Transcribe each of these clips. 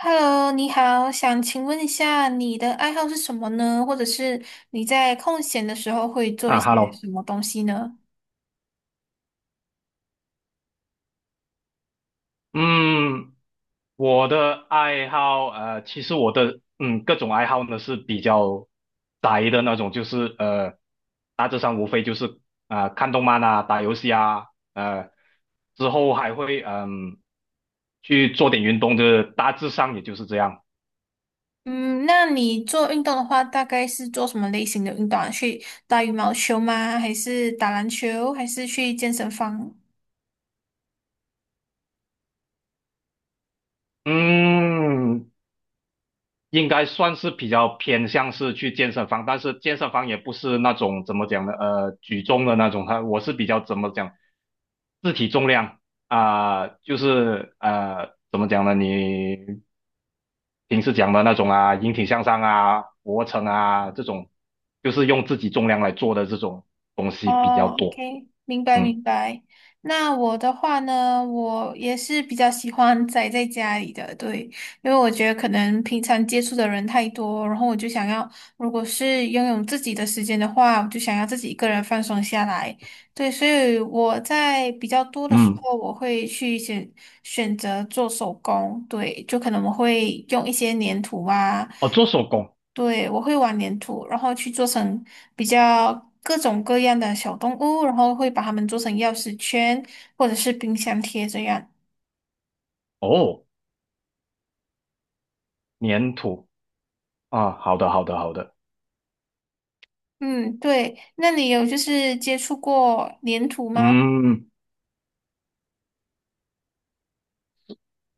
Hello，你好，想请问一下你的爱好是什么呢？或者是你在空闲的时候会做一啊些，Hello，什么东西呢？嗯，我的爱好，其实我的各种爱好呢是比较宅的那种，就是大致上无非就是看动漫啊、打游戏啊，呃，之后还会去做点运动，就是大致上也就是这样。嗯，那你做运动的话，大概是做什么类型的运动啊？去打羽毛球吗？还是打篮球？还是去健身房？嗯，应该算是比较偏向是去健身房，但是健身房也不是那种怎么讲呢，举重的那种，它我是比较怎么讲，自体重量啊、就是怎么讲呢，你平时讲的那种啊，引体向上啊，俯卧撑啊这种，就是用自己重量来做的这种东西比较哦多。，OK，明白嗯明白。那我的话呢，我也是比较喜欢宅在家里的，对，因为我觉得可能平常接触的人太多，然后我就想要，如果是拥有自己的时间的话，我就想要自己一个人放松下来。对，所以我在比较多的时嗯。候，我会去选选择做手工，对，就可能我会用一些粘土啊。哦，做手工。对，我会玩粘土，然后去做成比较各种各样的小动物，然后会把它们做成钥匙圈或者是冰箱贴这样。哦，粘土啊，好的好的好的。嗯，对，那你有就是接触过粘土吗？嗯。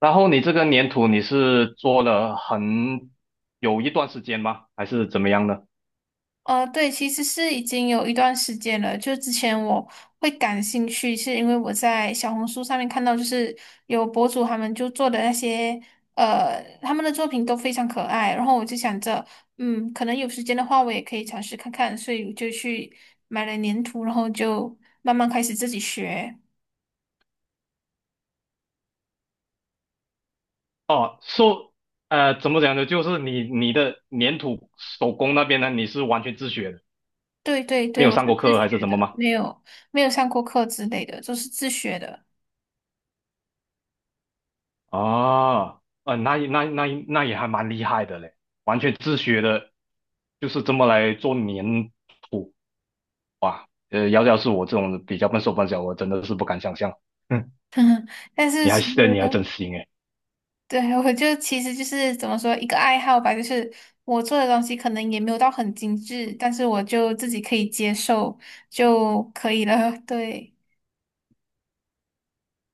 然后你这个粘土你是做了有一段时间吗？还是怎么样呢？对，其实是已经有一段时间了。就之前我会感兴趣，是因为我在小红书上面看到，就是有博主他们就做的那些，他们的作品都非常可爱。然后我就想着，嗯，可能有时间的话，我也可以尝试看看，所以我就去买了粘土，然后就慢慢开始自己学。哦，怎么讲呢？就是你的粘土手工那边呢，你是完全自学的，对对没对，有我上是过自课还是学怎么的，吗？没有上过课之类的，都是自学的。哦，那也还蛮厉害的嘞，完全自学的，就是这么来做粘土。要是我这种比较笨手笨脚，我真的是不敢想象。嗯，但是其实你还真行诶。对，我就其实就是怎么说一个爱好吧，就是我做的东西可能也没有到很精致，但是我就自己可以接受就可以了。对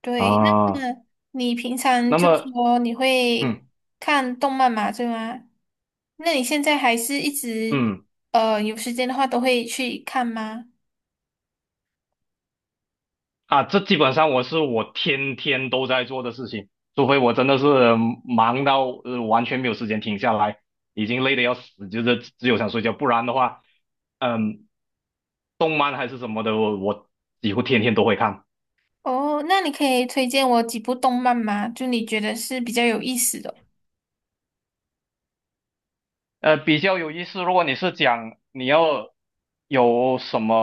对，啊，那么你平常那就么说你会嗯看动漫嘛，对吗？那你现在还是一直嗯。有时间的话都会去看吗？啊，这基本上我天天都在做的事情，除非我真的是忙到完全没有时间停下来，已经累得要死，就是只有想睡觉。不然的话，嗯，动漫还是什么的，我几乎天天都会看。哦，那你可以推荐我几部动漫吗？就你觉得是比较有意思的，比较有意思。如果你是讲你要有什么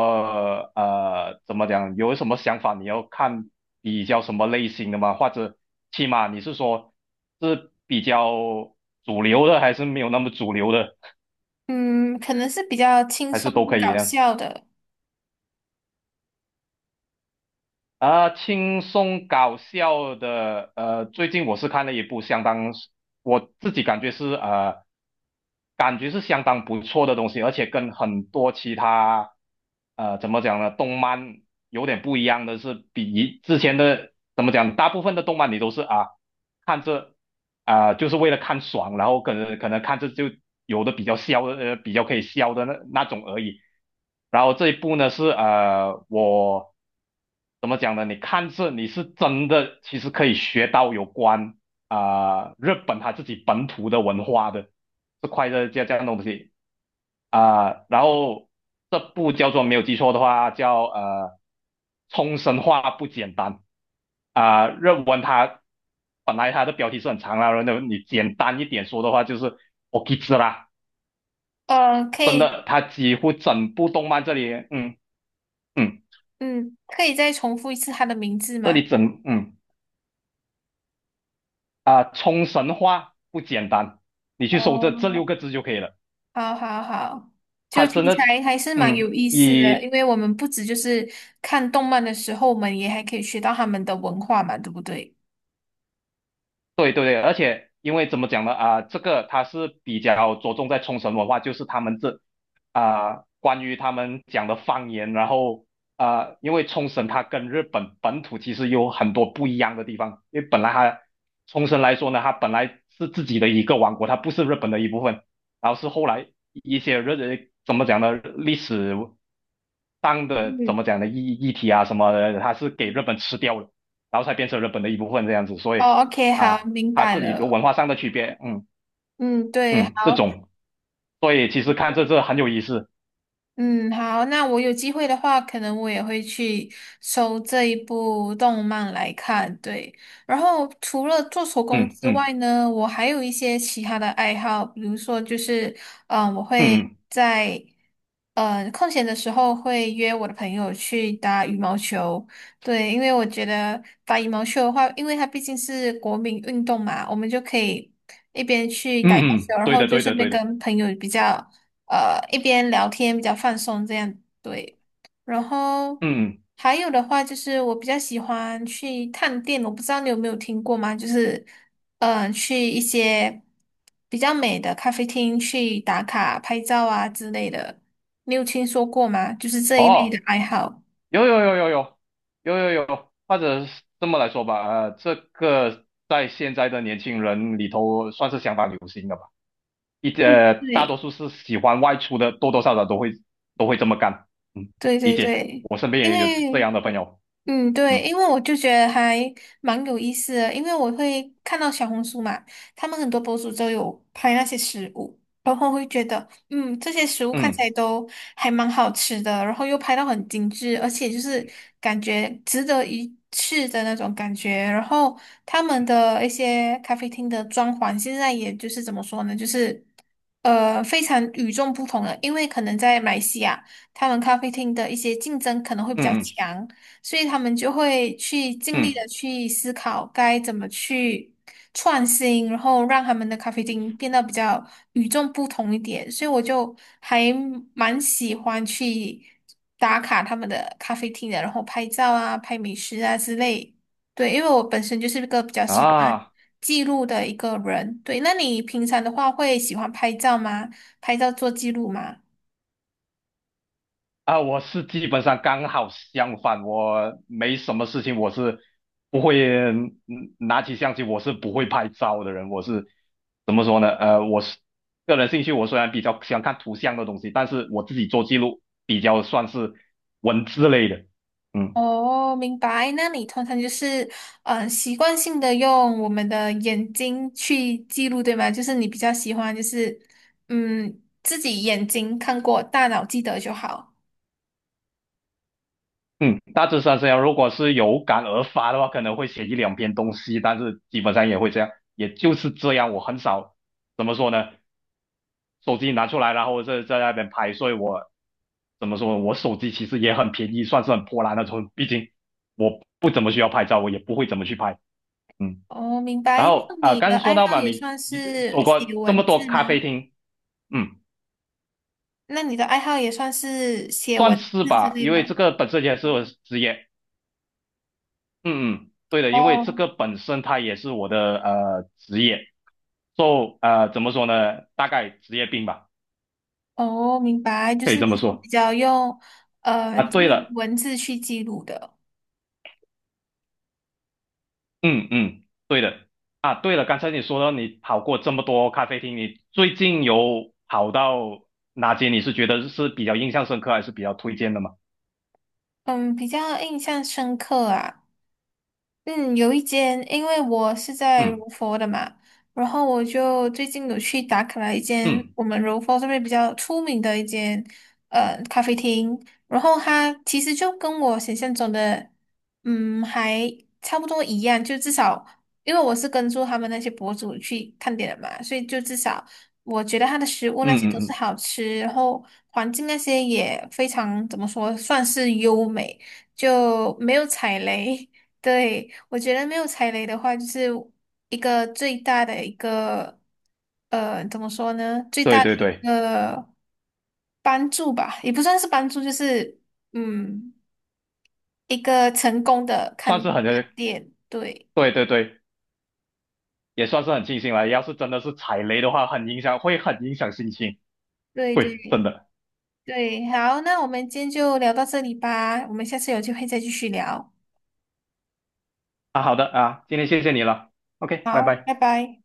怎么讲，有什么想法，你要看比较什么类型的吗？或者起码你是说是比较主流的，还是没有那么主流的？嗯，可能是比较轻还是松都可以搞呢？笑的。啊，轻松搞笑的。最近我是看了一部相当，我自己感觉是相当不错的东西，而且跟很多其他怎么讲呢，动漫有点不一样的是，比以之前的怎么讲，大部分的动漫你都是啊看着啊、就是为了看爽，然后可能看着就有的比较可以笑的那种而已。然后这一部呢是我怎么讲呢？你看这你是真的其实可以学到有关日本它自己本土的文化的，这块的这样的东西。然后这部叫做没有记错的话叫冲绳话不简单。日文它本来它的标题是很长啦，然后你简单一点说的话就是 OKI 啦。呃，可真以的它几乎整部动漫这里嗯嗯，可以再重复一次他的名字这吗？里整嗯冲绳话不简单，你去搜这哦，六个字就可以了。好好好，就它真听起的。来还是蛮嗯有意思的，因以为我们不止就是看动漫的时候，我们也还可以学到他们的文化嘛，对不对？对对对，而且因为怎么讲呢？这个它是比较着重在冲绳文化，就是他们关于他们讲的方言。然后因为冲绳它跟日本本土其实有很多不一样的地方，因为本来它，冲绳来说呢，它本来是自己的一个王国，它不是日本的一部分，然后是后来一些怎么讲呢？历史当的怎么嗯，讲呢议题啊什么的，它是给日本吃掉了，然后才变成日本的一部分这样子，所以哦，OK，好，啊，明它白这里的了。文化上的区别。嗯嗯，对，嗯。这种，所以其实看这很有意思。嗯，好，那我有机会的话，可能我也会去收这一部动漫来看。对，然后除了做手工嗯之外嗯呢，我还有一些其他的爱好，比如说就是，嗯、我会嗯在，嗯、空闲的时候会约我的朋友去打羽毛球。对，因为我觉得打羽毛球的话，因为它毕竟是国民运动嘛，我们就可以一边去嗯打羽毛嗯球，嗯，然对后的就对顺的便对的。跟朋友比较。呃一边聊天比较放松这样对。然后嗯嗯。还有的话就是我比较喜欢去探店，我不知道你有没有听过吗？就是嗯、去一些比较美的咖啡厅去打卡拍照啊之类的，你有听说过吗？就是这一类的哦，爱好。有有有有有有有有，或者是这么来说吧。这个在现在的年轻人里头算是相当流行的吧。大多对数是喜欢外出的，多多少少都会这么干。嗯，对理对解，对，我身边因也有这为样的朋友。嗯，对，嗯因为我就觉得还蛮有意思的，因为我会看到小红书嘛，他们很多博主都有拍那些食物，然后会觉得，嗯，这些食物看起嗯来都还蛮好吃的，然后又拍到很精致，而且就是感觉值得一试的那种感觉。然后他们的一些咖啡厅的装潢，现在也就是怎么说呢，就是非常与众不同的，因为可能在马来西亚，他们咖啡厅的一些竞争可能会比较嗯强。所以他们就会去尽嗯力的嗯去思考该怎么去创新，然后让他们的咖啡厅变得比较与众不同一点。所以我就还蛮喜欢去打卡他们的咖啡厅的，然后拍照啊、拍美食啊之类。对，因为我本身就是一个比较喜欢啊记录的一个人。对，那你平常的话会喜欢拍照吗？拍照做记录吗？我是基本上刚好相反，我没什么事情，我是不会拿起相机，我是不会拍照的人，我是怎么说呢？我是个人兴趣，我虽然比较喜欢看图像的东西，但是我自己做记录比较算是文字类的。嗯。哦，明白。那你通常就是，嗯，习惯性的用我们的眼睛去记录，对吗？就是你比较喜欢，就是，嗯，自己眼睛看过，大脑记得就好。嗯，大致上这样。如果是有感而发的话，可能会写一两篇东西，但是基本上也会这样，也就是这样。我很少怎么说呢，手机拿出来，然后在那边拍，所以我怎么说，我手机其实也很便宜，算是很破烂那种。毕竟我不怎么需要拍照，我也不会怎么去拍。嗯，哦，明然白。那后你刚的才说爱到好嘛，也你算你走是写过这么文多字吗？咖啡厅。嗯，那你的爱好也算是写算文是字之吧，类因为这吗？个本身也是我的职业。嗯嗯，对的，因为这哦，个本身它也是我的职业，就怎么说呢，大概职业病吧，哦，明白。就可以是你这么是比说较用，啊。对记了。文字去记录的。嗯嗯，对的啊。对了，刚才你说到你跑过这么多咖啡厅，你最近有跑到哪间？你是觉得是比较印象深刻，还是比较推荐的吗？嗯，比较印象深刻啊。嗯，有一间，因为我是在柔嗯佛的嘛，然后我就最近有去打卡了一间嗯我们柔佛这边比较出名的一间咖啡厅，然后它其实就跟我想象中的嗯还差不多一样，就至少因为我是跟住他们那些博主去看点的嘛，所以就至少我觉得它的食物那嗯些嗯都是嗯，好吃，然后环境那些也非常怎么说算是优美，就没有踩雷。对，我觉得没有踩雷的话，就是一个最大的一个，怎么说呢？最对大对的对。帮助吧，也不算是帮助，就是嗯，一个成功的算是看很看店。对，对对对，也算是很庆幸了。要是真的是踩雷的话，很影响，会很影响心情。对对对，真的。对，好，那我们今天就聊到这里吧，我们下次有机会再继续聊。啊，好的啊，今天谢谢你了，OK，拜好，拜拜。拜。